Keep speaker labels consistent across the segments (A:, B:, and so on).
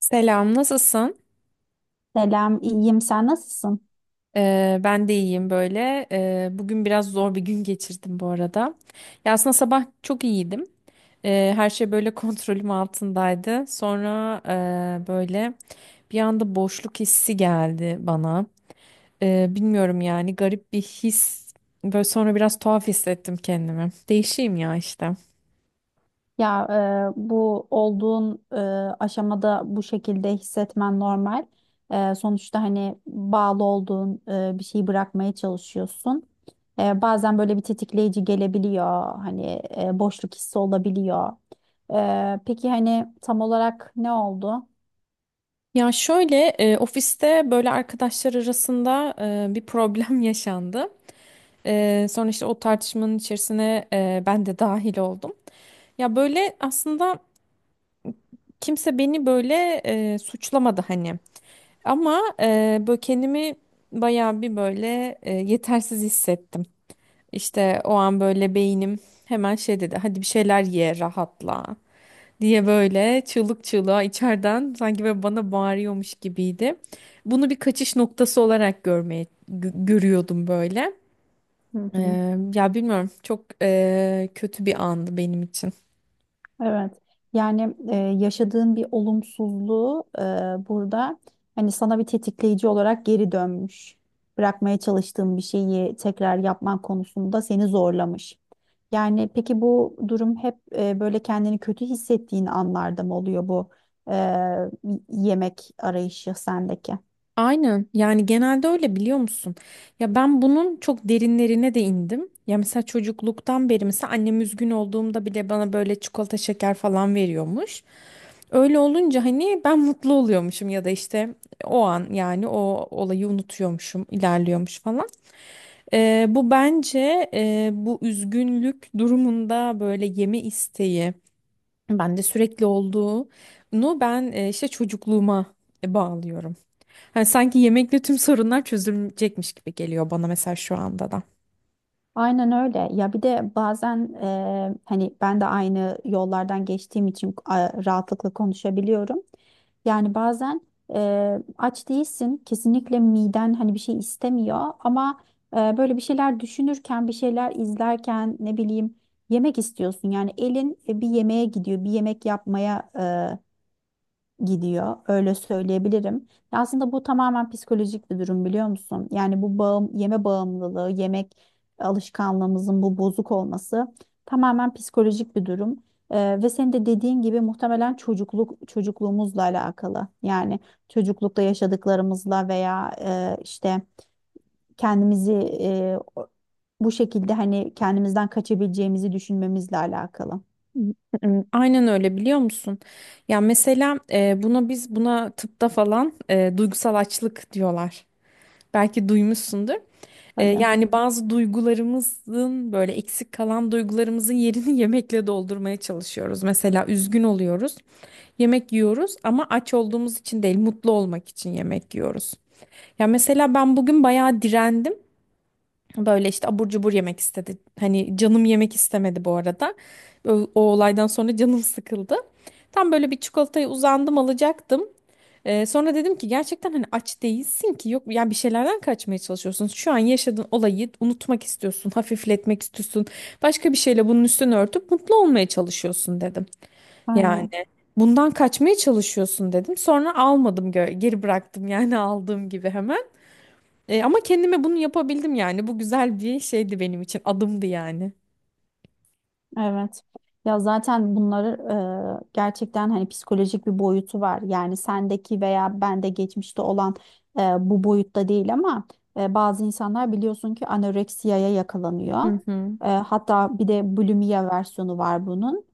A: Selam, nasılsın?
B: Selam, iyiyim. Sen nasılsın?
A: Ben de iyiyim böyle. Bugün biraz zor bir gün geçirdim bu arada. Ya aslında sabah çok iyiydim. Her şey böyle kontrolüm altındaydı. Sonra böyle bir anda boşluk hissi geldi bana. Bilmiyorum yani garip bir his. Böyle sonra biraz tuhaf hissettim kendimi. Değişeyim ya işte.
B: Ya bu olduğun aşamada bu şekilde hissetmen normal. Sonuçta hani bağlı olduğun bir şeyi bırakmaya çalışıyorsun. Bazen böyle bir tetikleyici gelebiliyor. Hani boşluk hissi olabiliyor. Peki hani tam olarak ne oldu?
A: Ya şöyle ofiste böyle arkadaşlar arasında bir problem yaşandı. Sonra işte o tartışmanın içerisine ben de dahil oldum. Ya böyle aslında kimse beni böyle suçlamadı hani. Ama böyle kendimi bayağı bir böyle yetersiz hissettim. İşte o an böyle beynim hemen şey dedi. Hadi bir şeyler ye, rahatla diye böyle çığlık çığlığa içeriden sanki böyle bana bağırıyormuş gibiydi. Bunu bir kaçış noktası olarak görmeye görüyordum böyle.
B: Hı hı.
A: Ya bilmiyorum çok kötü bir andı benim için.
B: Evet. Yani yaşadığın bir olumsuzluğu burada hani sana bir tetikleyici olarak geri dönmüş. Bırakmaya çalıştığın bir şeyi tekrar yapman konusunda seni zorlamış. Yani peki bu durum hep böyle kendini kötü hissettiğin anlarda mı oluyor bu e, yemek arayışı sendeki?
A: Aynen yani genelde öyle biliyor musun? Ya ben bunun çok derinlerine de indim. Ya mesela çocukluktan beri mesela annem üzgün olduğumda bile bana böyle çikolata şeker falan veriyormuş. Öyle olunca hani ben mutlu oluyormuşum ya da işte o an yani o olayı unutuyormuşum, ilerliyormuş falan. Bu bence bu üzgünlük durumunda böyle yeme isteği bende sürekli olduğunu ben işte çocukluğuma bağlıyorum. Hani sanki yemekle tüm sorunlar çözülecekmiş gibi geliyor bana mesela şu anda da.
B: Aynen öyle. Ya bir de bazen hani ben de aynı yollardan geçtiğim için rahatlıkla konuşabiliyorum. Yani bazen aç değilsin, kesinlikle miden hani bir şey istemiyor ama böyle bir şeyler düşünürken, bir şeyler izlerken ne bileyim yemek istiyorsun. Yani elin bir yemeğe gidiyor, bir yemek yapmaya gidiyor. Öyle söyleyebilirim. Ya aslında bu tamamen psikolojik bir durum biliyor musun? Yani bu bağım, yeme bağımlılığı, yemek alışkanlığımızın bu bozuk olması tamamen psikolojik bir durum. Ve senin de dediğin gibi muhtemelen çocukluğumuzla alakalı. Yani çocuklukta yaşadıklarımızla veya işte kendimizi e, o- bu şekilde hani kendimizden kaçabileceğimizi düşünmemizle alakalı.
A: Hmm, aynen öyle biliyor musun? Ya mesela buna buna tıpta falan duygusal açlık diyorlar. Belki duymuşsundur.
B: Tabii.
A: Yani bazı duygularımızın böyle eksik kalan duygularımızın yerini yemekle doldurmaya çalışıyoruz. Mesela üzgün oluyoruz, yemek yiyoruz ama aç olduğumuz için değil, mutlu olmak için yemek yiyoruz. Ya mesela ben bugün bayağı direndim. Böyle işte abur cubur yemek istedi. Hani canım yemek istemedi bu arada. O, olaydan sonra canım sıkıldı. Tam böyle bir çikolatayı uzandım alacaktım. Sonra dedim ki gerçekten hani aç değilsin ki yok yani bir şeylerden kaçmaya çalışıyorsun. Şu an yaşadığın olayı unutmak istiyorsun, hafifletmek istiyorsun. Başka bir şeyle bunun üstünü örtüp mutlu olmaya çalışıyorsun dedim. Yani
B: Aynen.
A: bundan kaçmaya çalışıyorsun dedim. Sonra almadım geri bıraktım yani aldığım gibi hemen. Ama kendime bunu yapabildim yani. Bu güzel bir şeydi benim için. Adımdı yani.
B: Evet. Ya zaten bunları gerçekten hani psikolojik bir boyutu var. Yani sendeki veya bende geçmişte olan bu boyutta değil ama bazı insanlar biliyorsun ki anoreksiyaya yakalanıyor.
A: Hı hı.
B: Hatta bir de bulimiya versiyonu var bunun.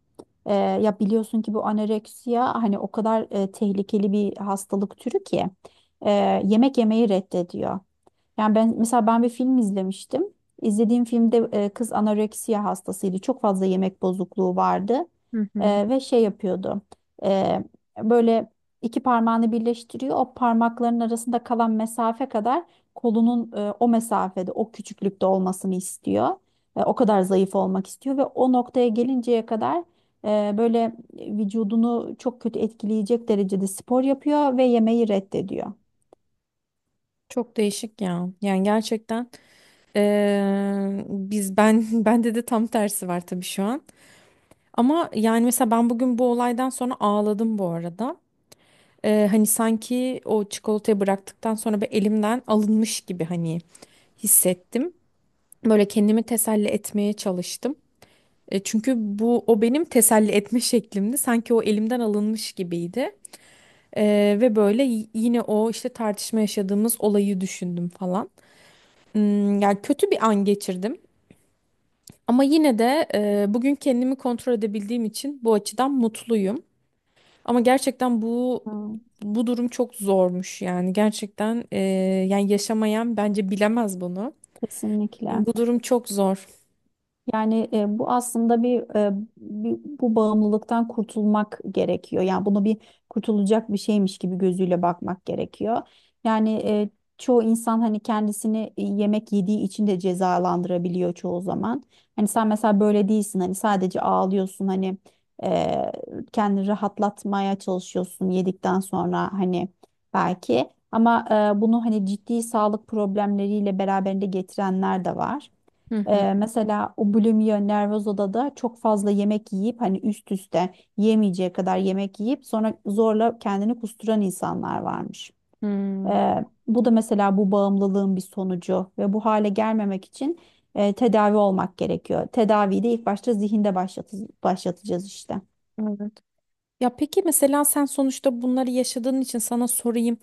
B: Ya biliyorsun ki bu anoreksiya hani o kadar tehlikeli bir hastalık türü ki e, yemek yemeyi reddediyor. Yani ben mesela ben bir film izlemiştim. İzlediğim filmde kız anoreksiya hastasıydı. Çok fazla yemek bozukluğu vardı.
A: Hı hı.
B: Ve şey yapıyordu. E, Böyle iki parmağını birleştiriyor. O parmakların arasında kalan mesafe kadar kolunun o mesafede, o küçüklükte olmasını istiyor. O kadar zayıf olmak istiyor ve o noktaya gelinceye kadar böyle vücudunu çok kötü etkileyecek derecede spor yapıyor ve yemeği reddediyor.
A: Çok değişik ya. Yani gerçekten ben bende de tam tersi var tabii şu an. Ama yani mesela ben bugün bu olaydan sonra ağladım bu arada. Hani sanki o çikolatayı bıraktıktan sonra bir elimden alınmış gibi hani hissettim. Böyle kendimi teselli etmeye çalıştım. Çünkü bu o benim teselli etme şeklimdi. Sanki o elimden alınmış gibiydi. Ve böyle yine o işte tartışma yaşadığımız olayı düşündüm falan. Hmm, yani kötü bir an geçirdim. Ama yine de bugün kendimi kontrol edebildiğim için bu açıdan mutluyum. Ama gerçekten bu
B: Hmm.
A: bu durum çok zormuş yani gerçekten yani yaşamayan bence bilemez bunu.
B: Kesinlikle.
A: Bu durum çok zor.
B: Yani e, bu aslında bir, e, bir- bu bağımlılıktan kurtulmak gerekiyor. Yani bunu bir kurtulacak bir şeymiş gibi gözüyle bakmak gerekiyor. Yani çoğu insan hani kendisini yemek yediği için de cezalandırabiliyor çoğu zaman. Hani sen mesela böyle değilsin. Hani sadece ağlıyorsun. Hani e, kendini rahatlatmaya çalışıyorsun yedikten sonra hani belki. Ama bunu hani ciddi sağlık problemleriyle beraberinde getirenler de var.
A: Hı hı.
B: Mesela bulimia nervoza da çok fazla yemek yiyip hani üst üste yemeyeceği kadar yemek yiyip sonra zorla kendini kusturan insanlar varmış.
A: Hmm,
B: Bu da mesela bu bağımlılığın bir sonucu ve bu hale gelmemek için tedavi olmak gerekiyor. Tedaviyi de ilk başta zihinde başlatacağız işte.
A: evet. Ya peki mesela sen sonuçta bunları yaşadığın için sana sorayım.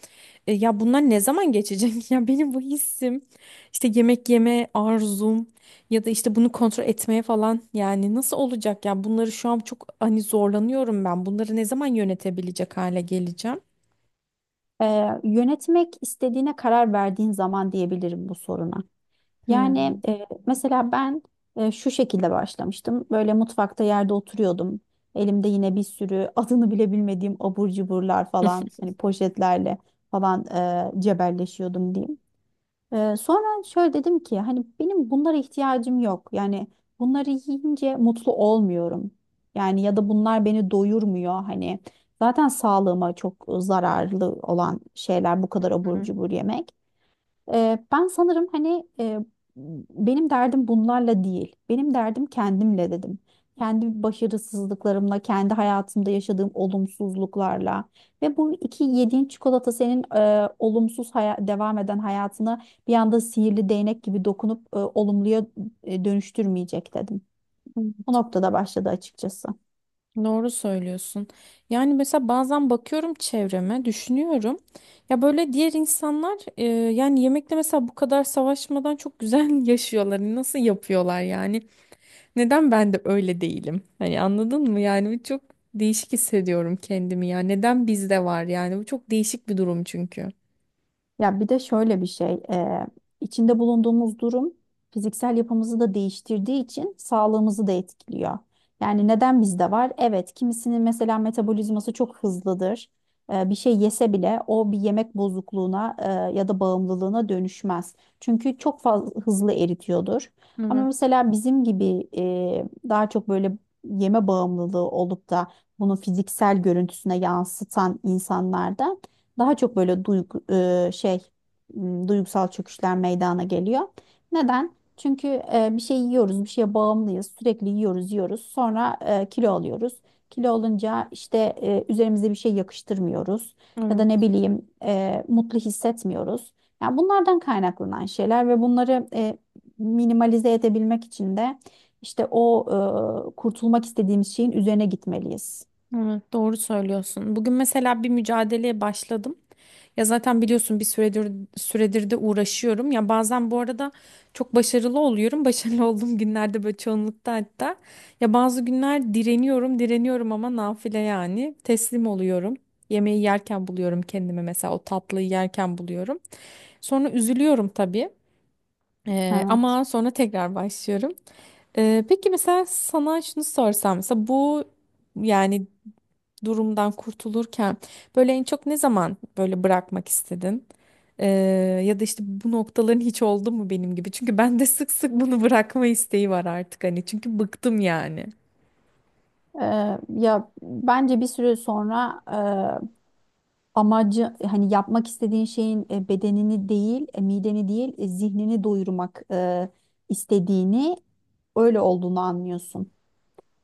A: Ya bunlar ne zaman geçecek? Ya benim bu hissim, işte yemek yeme arzum ya da işte bunu kontrol etmeye falan yani nasıl olacak ya? Bunları şu an çok hani zorlanıyorum ben. Bunları ne zaman yönetebilecek hale geleceğim?
B: Yönetmek istediğine karar verdiğin zaman diyebilirim bu soruna. Yani
A: Hmm.
B: mesela ben şu şekilde başlamıştım. Böyle mutfakta yerde oturuyordum. Elimde yine bir sürü adını bile bilmediğim abur cuburlar falan hani poşetlerle falan cebelleşiyordum diyeyim. Sonra şöyle dedim ki hani benim bunlara ihtiyacım yok. Yani bunları yiyince mutlu olmuyorum. Yani ya da bunlar beni doyurmuyor hani. Zaten sağlığıma çok zararlı olan şeyler bu kadar abur cubur yemek. Ben sanırım hani benim derdim bunlarla değil. Benim derdim kendimle dedim. Kendi başarısızlıklarımla, kendi hayatımda yaşadığım olumsuzluklarla ve bu iki yediğin çikolata senin devam eden hayatını bir anda sihirli değnek gibi dokunup olumluya dönüştürmeyecek dedim. O noktada başladı açıkçası.
A: Doğru söylüyorsun. Yani mesela bazen bakıyorum çevreme, düşünüyorum. Ya böyle diğer insanlar yani yemekle mesela bu kadar savaşmadan çok güzel yaşıyorlar. Hani nasıl yapıyorlar yani? Neden ben de öyle değilim? Hani anladın mı? Yani bu çok değişik hissediyorum kendimi ya. Neden bizde var yani? Bu çok değişik bir durum çünkü.
B: Ya bir de şöyle bir şey, içinde bulunduğumuz durum fiziksel yapımızı da değiştirdiği için sağlığımızı da etkiliyor. Yani neden bizde var? Evet, kimisinin mesela metabolizması çok hızlıdır. Bir şey yese bile o bir yemek bozukluğuna ya da bağımlılığına dönüşmez. Çünkü çok fazla hızlı eritiyordur. Ama
A: Evet,
B: mesela bizim gibi daha çok böyle yeme bağımlılığı olup da bunu fiziksel görüntüsüne yansıtan insanlarda daha çok böyle e, şey duygusal çöküşler meydana geliyor. Neden? Çünkü bir şey yiyoruz, bir şeye bağımlıyız. Sürekli yiyoruz, yiyoruz. Sonra kilo alıyoruz. Kilo olunca işte üzerimize bir şey yakıştırmıyoruz ya da ne
A: evet.
B: bileyim mutlu hissetmiyoruz. Yani bunlardan kaynaklanan şeyler ve bunları minimalize edebilmek için de işte o kurtulmak istediğimiz şeyin üzerine gitmeliyiz.
A: Evet, doğru söylüyorsun. Bugün mesela bir mücadeleye başladım. Ya zaten biliyorsun bir süredir de uğraşıyorum. Ya bazen bu arada çok başarılı oluyorum. Başarılı olduğum günlerde böyle çoğunlukta hatta. Ya bazı günler direniyorum, direniyorum ama nafile yani. Teslim oluyorum. Yemeği yerken buluyorum kendimi mesela o tatlıyı yerken buluyorum. Sonra üzülüyorum tabii.
B: Evet.
A: Ama sonra tekrar başlıyorum. Peki mesela sana şunu sorsam mesela bu yani durumdan kurtulurken böyle en çok ne zaman böyle bırakmak istedin? Ee, Ya da işte bu noktaların hiç oldu mu benim gibi? Çünkü ben de sık sık bunu bırakma isteği var artık hani çünkü bıktım yani.
B: Ya bence bir süre sonra amacı hani yapmak istediğin şeyin bedenini değil, mideni değil, zihnini doyurmak istediğini öyle olduğunu anlıyorsun.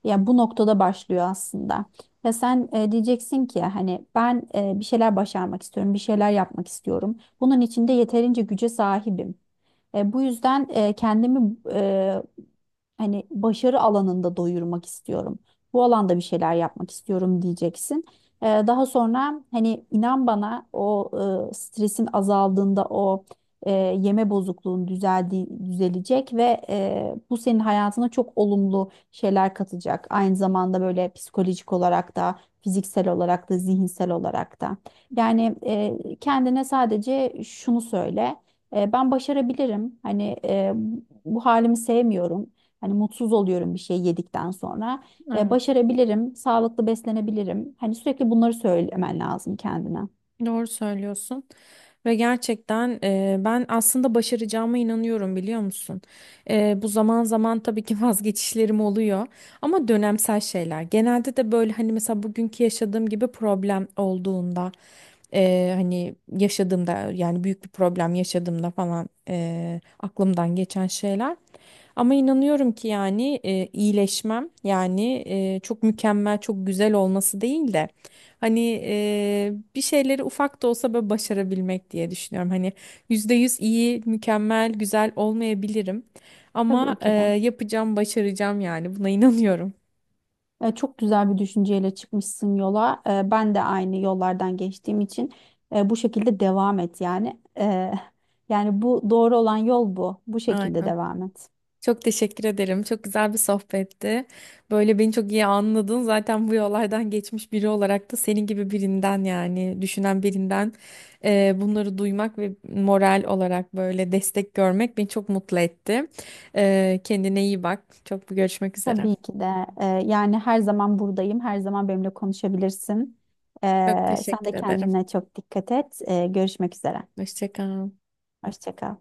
B: Ya bu noktada başlıyor aslında. Ya sen diyeceksin ki hani ben bir şeyler başarmak istiyorum, bir şeyler yapmak istiyorum. Bunun için de yeterince güce sahibim. Bu yüzden kendimi hani başarı alanında doyurmak istiyorum. Bu alanda bir şeyler yapmak istiyorum diyeceksin. Daha sonra hani inan bana o stresin azaldığında o yeme bozukluğun düzeldi, düzelecek ve bu senin hayatına çok olumlu şeyler katacak. Aynı zamanda böyle psikolojik olarak da fiziksel olarak da zihinsel olarak da. Yani kendine sadece şunu söyle. Ben başarabilirim. Hani bu halimi sevmiyorum. Hani mutsuz oluyorum bir şey yedikten sonra.
A: Evet.
B: Başarabilirim, sağlıklı beslenebilirim. Hani sürekli bunları söylemen lazım kendine.
A: Doğru söylüyorsun ve gerçekten ben aslında başaracağıma inanıyorum biliyor musun? Bu zaman zaman tabii ki vazgeçişlerim oluyor ama dönemsel şeyler. Genelde de böyle hani mesela bugünkü yaşadığım gibi problem olduğunda hani yaşadığımda yani büyük bir problem yaşadığımda falan aklımdan geçen şeyler. Ama inanıyorum ki yani iyileşmem yani çok mükemmel çok güzel olması değil de hani bir şeyleri ufak da olsa böyle başarabilmek diye düşünüyorum. Hani %100 iyi mükemmel güzel olmayabilirim ama
B: Tabii ki de.
A: yapacağım başaracağım yani buna inanıyorum.
B: Çok güzel bir düşünceyle çıkmışsın yola. Ben de aynı yollardan geçtiğim için bu şekilde devam et yani. Yani bu doğru olan yol bu. Bu şekilde
A: Aynen.
B: devam et.
A: Çok teşekkür ederim. Çok güzel bir sohbetti. Böyle beni çok iyi anladın. Zaten bu yollardan geçmiş biri olarak da senin gibi birinden yani düşünen birinden bunları duymak ve moral olarak böyle destek görmek beni çok mutlu etti. Kendine iyi bak. Çok görüşmek üzere.
B: Tabii ki de. Yani her zaman buradayım. Her zaman benimle konuşabilirsin.
A: Çok
B: Sen
A: teşekkür
B: de
A: ederim.
B: kendine çok dikkat et. Görüşmek üzere.
A: Hoşça kal.
B: Hoşça kal.